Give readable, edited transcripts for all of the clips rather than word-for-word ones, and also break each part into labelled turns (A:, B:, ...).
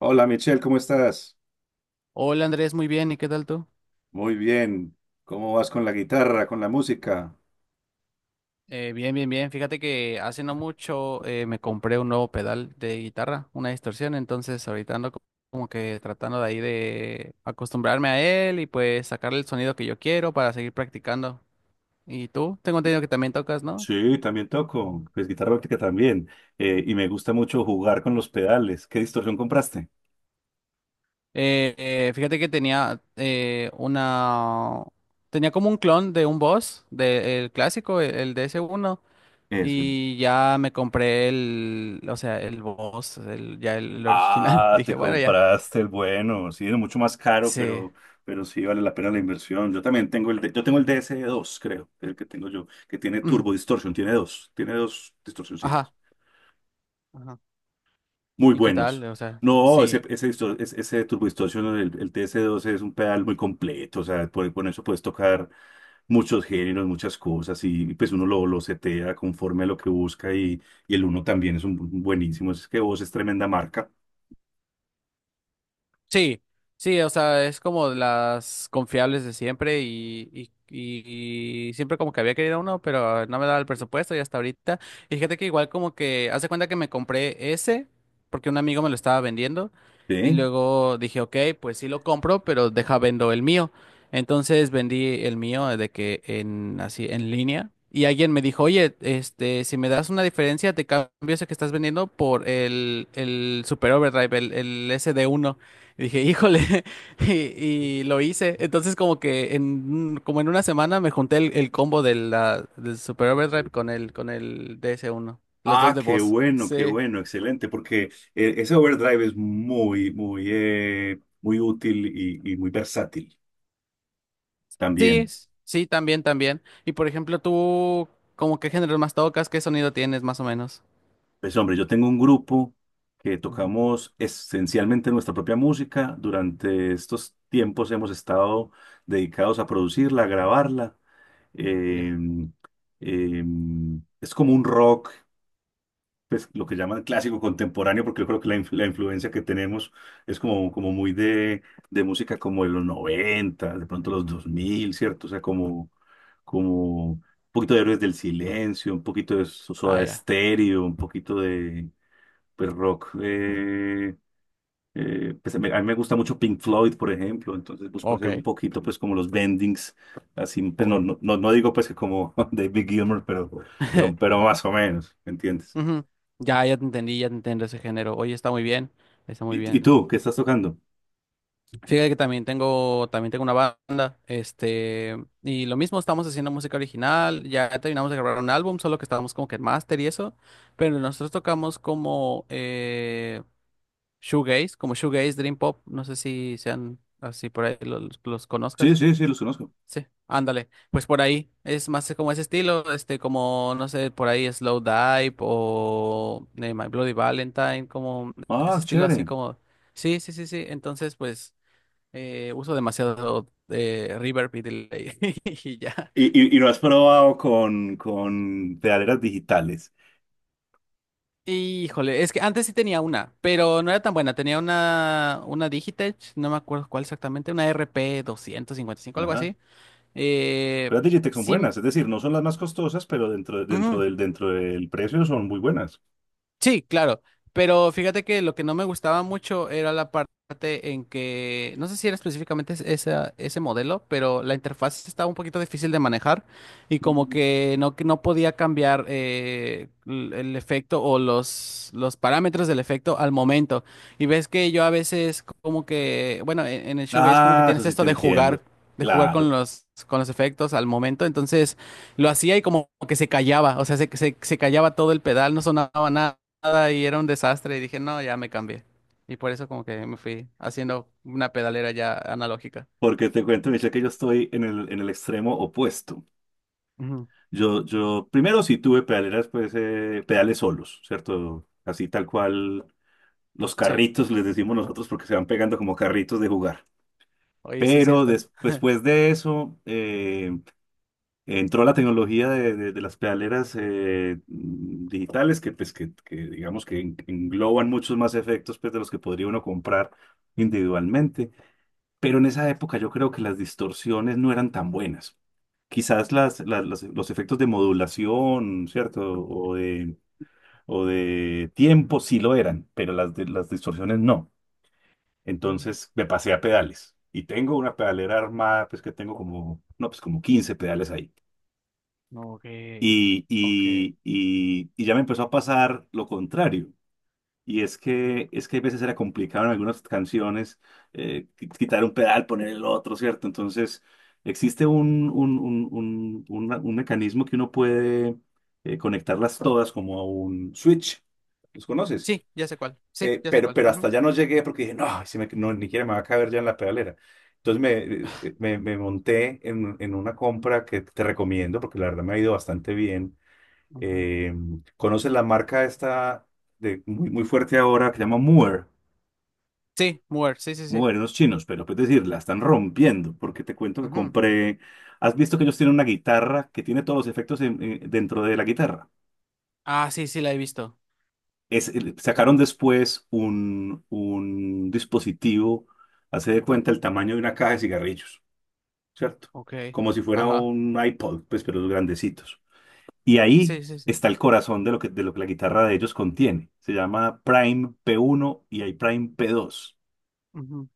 A: Hola Michelle, ¿cómo estás?
B: Hola Andrés, muy bien, ¿y qué tal tú?
A: Muy bien. ¿Cómo vas con la guitarra, con la música?
B: Bien, bien, bien. Fíjate que hace no mucho me compré un nuevo pedal de guitarra, una distorsión, entonces ahorita ando como que tratando de ahí de acostumbrarme a él y pues sacarle el sonido que yo quiero para seguir practicando. ¿Y tú? Tengo entendido que también tocas, ¿no?
A: Sí, también toco,
B: Ujú.
A: pues guitarra eléctrica también, y me gusta mucho jugar con los pedales. ¿Qué distorsión compraste?
B: Fíjate que tenía una. Tenía como un clon de un Boss del clásico, el DS1.
A: Eso.
B: Y ya me compré o sea, el Boss, ya el original.
A: Ah,
B: Dije,
A: te
B: bueno, ya.
A: compraste el bueno, sí, es mucho más caro,
B: Sí.
A: pero sí vale la pena la inversión. Yo también tengo el dsd dos, creo, el que tengo yo, que tiene
B: Mm,
A: turbo distorsión, tiene dos distorsioncitas.
B: ajá. Ajá.
A: Muy
B: ¿Y qué tal?
A: buenos.
B: O sea,
A: No, ese,
B: sí.
A: ese Turbo Distortion, el TS12 es un pedal muy completo, o sea, con eso puedes tocar muchos géneros, muchas cosas, y pues uno lo setea conforme a lo que busca, y el uno también es un buenísimo, es que vos es tremenda marca.
B: Sí, sí, o sea, es como de las confiables de siempre y siempre como que había querido uno, pero no me daba el presupuesto y hasta ahorita. Y fíjate que igual como que, hace cuenta que me compré ese porque un amigo me lo estaba vendiendo y
A: ¿Sí?
B: luego dije, ok, pues sí lo compro, pero deja vendo el mío. Entonces vendí el mío de que en así en línea y alguien me dijo, oye, este, si me das una diferencia, te cambio ese que estás vendiendo por el Super Overdrive, el SD1. Y dije, híjole, y, y lo hice. Entonces como que como en una semana me junté el combo de del Super Overdrive con el DS1, los dos
A: Ah,
B: de voz.
A: qué
B: Sí,
A: bueno, excelente, porque ese overdrive es muy, muy, muy útil y, muy versátil
B: sí,
A: también.
B: sí, también, también. Y, por ejemplo, tú, ¿como qué género más tocas, qué sonido tienes más o menos?
A: Pues hombre, yo tengo un grupo que
B: Ujú.
A: tocamos esencialmente nuestra propia música. Durante estos tiempos hemos estado dedicados a producirla, a grabarla.
B: Ya.
A: Eh, eh, es como un rock, pues lo que llaman clásico contemporáneo, porque yo creo que la influencia que tenemos es como, muy de música como de los 90, de pronto los 2000, ¿cierto? O sea, como, un poquito de Héroes del Silencio, un poquito de
B: Ah,
A: Soda
B: ya.
A: Stereo, un poquito de pues rock. Pues, a mí me gusta mucho Pink Floyd, por ejemplo, entonces busco
B: Ok,
A: hacer un poquito, pues como los bendings, así, pues no,
B: voy.
A: no, no no digo pues que como David Gilmour, pero, pero, pero más o menos, ¿me entiendes?
B: Ujú. Ya, ya te entendí ese género. Oye, está muy bien, está muy
A: ¿Y
B: bien.
A: tú, ¿qué estás tocando?
B: Fíjate que también tengo una banda, este, y lo mismo, estamos haciendo música original, ya terminamos de grabar un álbum, solo que estábamos como que en máster y eso, pero nosotros tocamos como shoegaze, como shoegaze, dream pop, no sé si sean así por ahí, los
A: Sí,
B: conozcas.
A: sí, sí, los conozco.
B: Sí, ándale, pues por ahí, es más como ese estilo, este, como, no sé, por ahí Slow Dive o My Bloody Valentine, como
A: Ah,
B: ese estilo así
A: chévere.
B: como, sí, sí, sí, sí, entonces pues. Uso demasiado reverb y delay y ya.
A: ¿¿Y lo has probado con, pedaleras digitales?
B: Híjole, es que antes sí tenía una, pero no era tan buena. Tenía una Digitech, no me acuerdo cuál exactamente, una RP5, algo
A: Ajá.
B: así. Eh,
A: Pero las Digitech son
B: sí,
A: buenas, es decir, no son las más costosas, pero dentro, dentro
B: ujú.
A: del, dentro del precio son muy buenas.
B: Sí, claro, pero fíjate que lo que no me gustaba mucho era la parte en que, no sé si era específicamente ese modelo, pero la interfaz estaba un poquito difícil de manejar y como que no podía cambiar el efecto o los parámetros del efecto al momento. Y ves que yo a veces como que, bueno, en el shoegaze como que
A: Ah, eso
B: tienes
A: sí
B: esto
A: te
B: de jugar.
A: entiendo.
B: De jugar con
A: Claro.
B: los, con los efectos al momento, entonces lo hacía y como que se callaba, o sea, se callaba todo el pedal, no sonaba nada nada y era un desastre y dije, no, ya me cambié. Y por eso como que me fui haciendo una pedalera ya analógica.
A: Porque te cuento, Michelle, que yo estoy en el extremo opuesto.
B: Ujú.
A: Yo primero sí tuve pedaleras, pues pedales solos, ¿cierto? Así tal cual los
B: Sí,
A: carritos, les decimos nosotros, porque se van pegando como carritos de jugar.
B: oye, sí es
A: Pero
B: cierto.
A: después de eso entró la tecnología de, de las pedaleras digitales que, pues, que, digamos que engloban muchos más efectos pues, de los que podría uno comprar individualmente. Pero en esa época yo creo que las distorsiones no eran tan buenas. Quizás los efectos de modulación, ¿cierto? O de, o de tiempo sí lo eran, pero las distorsiones no.
B: Ujú.
A: Entonces me pasé a pedales y tengo una pedalera armada, pues que tengo como, no, pues como 15 pedales ahí.
B: Ok,
A: Y,
B: ok.
A: y, y, y ya me empezó a pasar lo contrario. Y es que a veces era complicado en algunas canciones quitar un pedal, poner el otro, ¿cierto? Entonces, existe un mecanismo que uno puede conectarlas todas como a un switch. ¿Los conoces?
B: Sí, ya sé cuál. Sí,
A: Eh,
B: ya sé
A: pero,
B: cuál.
A: pero
B: Ujú,
A: hasta allá no llegué porque dije, no, no, ni siquiera me va a caber ya en la pedalera. Entonces me monté en, una compra que te recomiendo porque la verdad me ha ido bastante bien.
B: ujú.
A: eh, ¿Conoces la marca esta muy, muy fuerte ahora que se llama Moore?
B: Sí, Mover, sí, sí, sí.
A: Moore, los chinos, pero puedes decir, la están rompiendo, porque te cuento que
B: Ujú.
A: compré. ¿Has visto que ellos tienen una guitarra que tiene todos los efectos dentro de la guitarra?
B: Ah, sí, sí, la he visto.
A: Es, el-
B: La
A: sacaron
B: como-
A: después un dispositivo, hace de cuenta el tamaño de una caja de cigarrillos, ¿cierto?
B: Ok,
A: Como si fuera
B: ajá.
A: un iPod, pues, pero los grandecitos. Y ahí
B: Sí, sí, sí.
A: está el corazón de lo que la guitarra de ellos contiene. Se llama Prime P1 y hay Prime P2.
B: Ujú.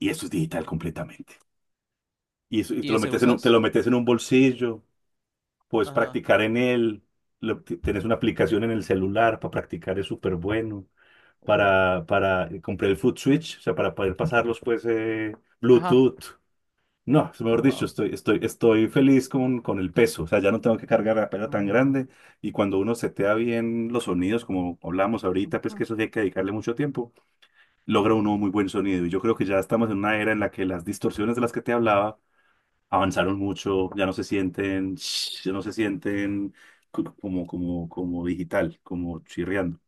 A: Y eso es digital completamente. Y te
B: ¿Y
A: lo
B: ese
A: metes en un, te
B: usas?
A: lo metes en un bolsillo, puedes
B: Ajá.
A: practicar en él. Tenés una aplicación en el celular para practicar, es súper bueno.
B: Uy.
A: Para, compré el foot switch, o sea, para poder pasarlos, pues,
B: Ajá.
A: Bluetooth. No, mejor dicho,
B: Wow.
A: estoy, estoy feliz con, el peso, o sea, ya no tengo que cargar la pera tan grande, y cuando uno setea bien los sonidos, como hablamos ahorita, pues que eso sí hay que dedicarle mucho tiempo, logra uno muy buen sonido, y yo creo que ya estamos en una era en la que las distorsiones de las que te hablaba avanzaron mucho, ya no se sienten, ya no se sienten como digital, como chirriando,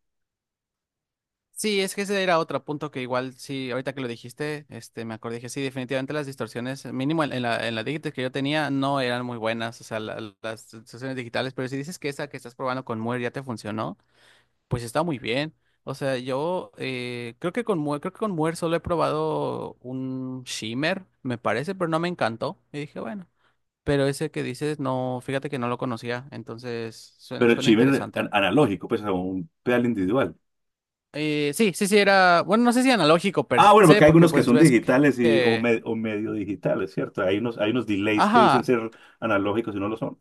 B: Sí, es que ese era otro punto que igual sí, ahorita que lo dijiste, este, me acordé que sí, definitivamente las distorsiones, mínimo en la Digitech que yo tenía, no eran muy buenas, o sea, las distorsiones digitales, pero si dices que esa que estás probando con Muir ya te funcionó, pues está muy bien. O sea, yo creo que con Muir solo he probado un shimmer, me parece, pero no me encantó. Y dije, bueno, pero ese que dices, no, fíjate que no lo conocía, entonces suena,
A: pero el
B: suena
A: chive es an-
B: interesante.
A: analógico, pues como un pedal individual.
B: Sí, sí, sí, era, bueno, no sé si analógico per
A: Ah, bueno,
B: se,
A: porque hay
B: porque
A: algunos que
B: pues
A: son
B: ves
A: digitales y, o,
B: que,
A: me- o medio digitales, ¿cierto? Hay unos delays que dicen
B: ajá.
A: ser analógicos y no lo son.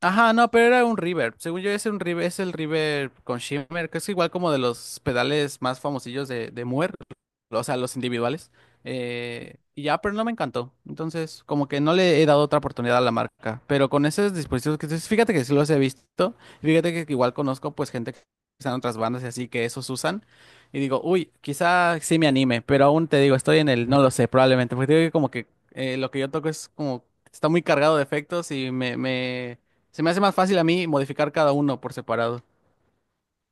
B: Ajá, no, pero era un reverb. Según yo, es un reverb, es el reverb con shimmer, que es igual como de los pedales más famosillos de Moore, o sea, los individuales. Y ya, pero no me encantó. Entonces, como que no le he dado otra oportunidad a la marca. Pero con esos dispositivos que dices, fíjate que sí los he visto. Y fíjate que igual conozco pues gente que está en otras bandas y así que esos usan. Y digo, uy, quizá sí me anime, pero aún te digo, estoy en el, no lo sé, probablemente. Porque te digo que como que lo que yo toco es como, está muy cargado de efectos y me se me hace más fácil a mí modificar cada uno por separado.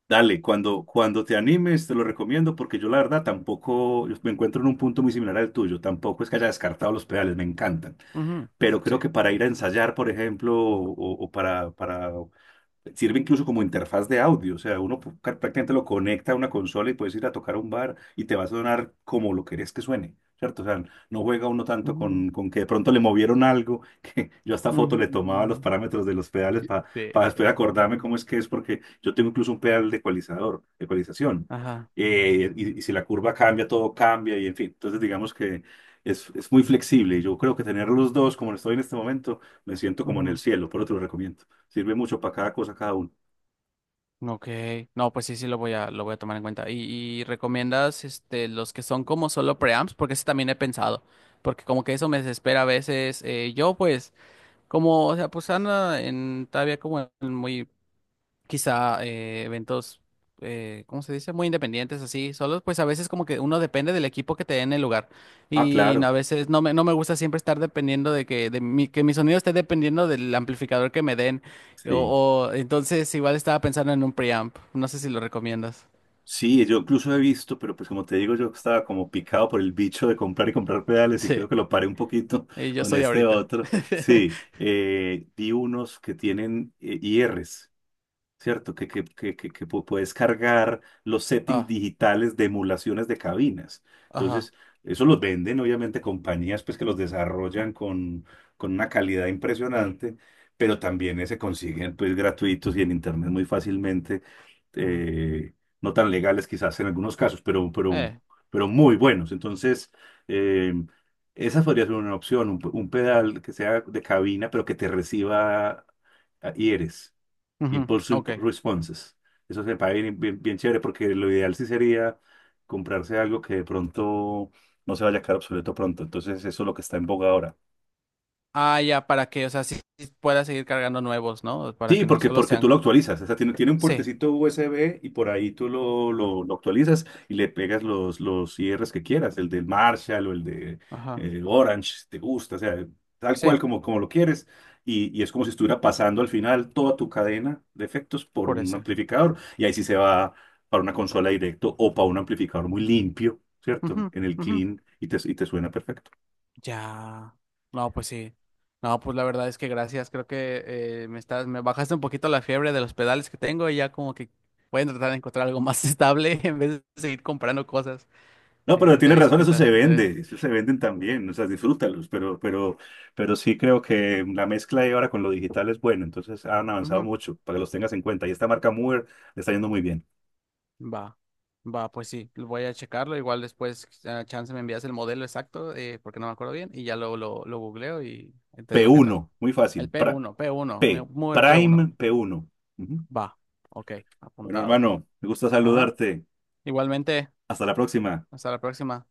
A: Dale, cuando, te animes, te lo recomiendo porque yo la verdad tampoco, yo me encuentro en un punto muy similar al tuyo, tampoco es que haya descartado los pedales, me encantan,
B: Ujú.
A: pero
B: Sí.
A: creo que para ir a ensayar, por ejemplo, o, para Sirve incluso como interfaz de audio, o sea, uno prácticamente lo conecta a una consola y puedes ir a tocar a un bar y te va a sonar como lo querés que suene, ¿cierto? O sea, no juega uno tanto
B: Ujú,
A: con, que de pronto le movieron algo, que yo hasta foto le tomaba los
B: ujú.
A: parámetros de los pedales
B: Sí.
A: para después acordarme cómo es que es, porque yo tengo incluso un pedal de ecualizador, de ecualización,
B: Ajá.
A: y, si la curva cambia, todo cambia, y en fin, entonces digamos que es, muy flexible, y yo creo que tener los dos como lo estoy en este momento, me siento como en el
B: Ujú.
A: cielo, por otro lo recomiendo. Sirve mucho para cada cosa, cada uno.
B: Ok. No, pues sí, sí lo voy a tomar en cuenta. ¿Y recomiendas este los que son como solo preamps? Porque ese también he pensado. Porque como que eso me desespera a veces. Yo pues, como, o sea, pues anda en todavía como en muy quizá eventos, ¿cómo se dice? Muy independientes, así, solos, pues a veces como que uno depende del equipo que te dé en el lugar.
A: Ah,
B: Y a
A: claro,
B: veces no me gusta siempre estar dependiendo de que, de mi, que mi sonido esté dependiendo del amplificador que me den.
A: sí.
B: Entonces igual estaba pensando en un preamp. No sé si lo recomiendas.
A: Sí, yo incluso he visto, pero pues como te digo, yo estaba como picado por el bicho de comprar y comprar pedales, y
B: Sí,
A: creo que lo paré un poquito
B: y yo
A: con
B: soy
A: este
B: ahorita.
A: otro. Sí, vi unos que tienen IRs. ¿Cierto? Puedes cargar los settings
B: Ah,
A: digitales de emulaciones de cabinas.
B: ajá.
A: Entonces, eso los venden, obviamente, compañías pues, que los desarrollan con, una calidad impresionante, pero también se consiguen pues, gratuitos y en internet muy fácilmente,
B: Mm.
A: eh, no tan legales quizás en algunos casos, pero, pero,
B: Eh,
A: pero muy buenos. Entonces, eh, esa podría ser una opción, un pedal que sea de cabina, pero que te reciba ears.
B: Ujú,
A: Impulse
B: ok.
A: Responses. Eso se paga bien, bien, bien chévere, porque lo ideal sí sería comprarse algo que de pronto no se vaya a quedar obsoleto pronto. Entonces, eso es lo que está en boga ahora.
B: Ah, ya, para que, o sea, sí, sí pueda seguir cargando nuevos, ¿no? Para
A: Sí,
B: que no
A: porque,
B: solo
A: porque
B: sean.
A: tú lo actualizas, o sea, tiene, un
B: Sí,
A: puertecito USB y por ahí tú lo, lo actualizas y le pegas los, IRs que quieras, el del Marshall o el de
B: ajá,
A: Orange, si te gusta, o sea, tal cual
B: sí.
A: como, lo quieres. Y es como si estuviera pasando al final toda tu cadena de efectos por
B: Por
A: un
B: ese.
A: amplificador, y ahí sí se va para una consola directo o para un amplificador muy limpio, ¿cierto?
B: Ujú,
A: En el
B: ujú.
A: clean, y te suena perfecto.
B: Ya. No, pues sí. No, pues la verdad es que gracias. Creo que me bajaste un poquito la fiebre de los pedales que tengo y ya como que voy a tratar de encontrar algo más estable en vez de seguir comprando cosas.
A: No, pero
B: Te
A: tienes
B: aviso
A: razón,
B: qué
A: eso se
B: tal.
A: vende, eso se venden también, o sea, disfrútalos, pero, pero sí creo que la mezcla de ahora con lo digital es buena, entonces han avanzado
B: Ujú.
A: mucho, para que los tengas en cuenta. Y esta marca Mover le está yendo muy bien.
B: Va. Va, pues sí, lo voy a checarlo. Igual después, chance me envías el modelo exacto, porque no me acuerdo bien, y ya lo googleo y te digo qué tal.
A: P1, muy
B: El
A: fácil,
B: p
A: pra-
B: uno
A: P,
B: mover p
A: Prime
B: uno
A: P1. Ujú.
B: Va, ok,
A: Bueno,
B: apuntado.
A: hermano, me gusta
B: Ajá.
A: saludarte.
B: Igualmente.
A: Hasta la próxima.
B: Hasta la próxima.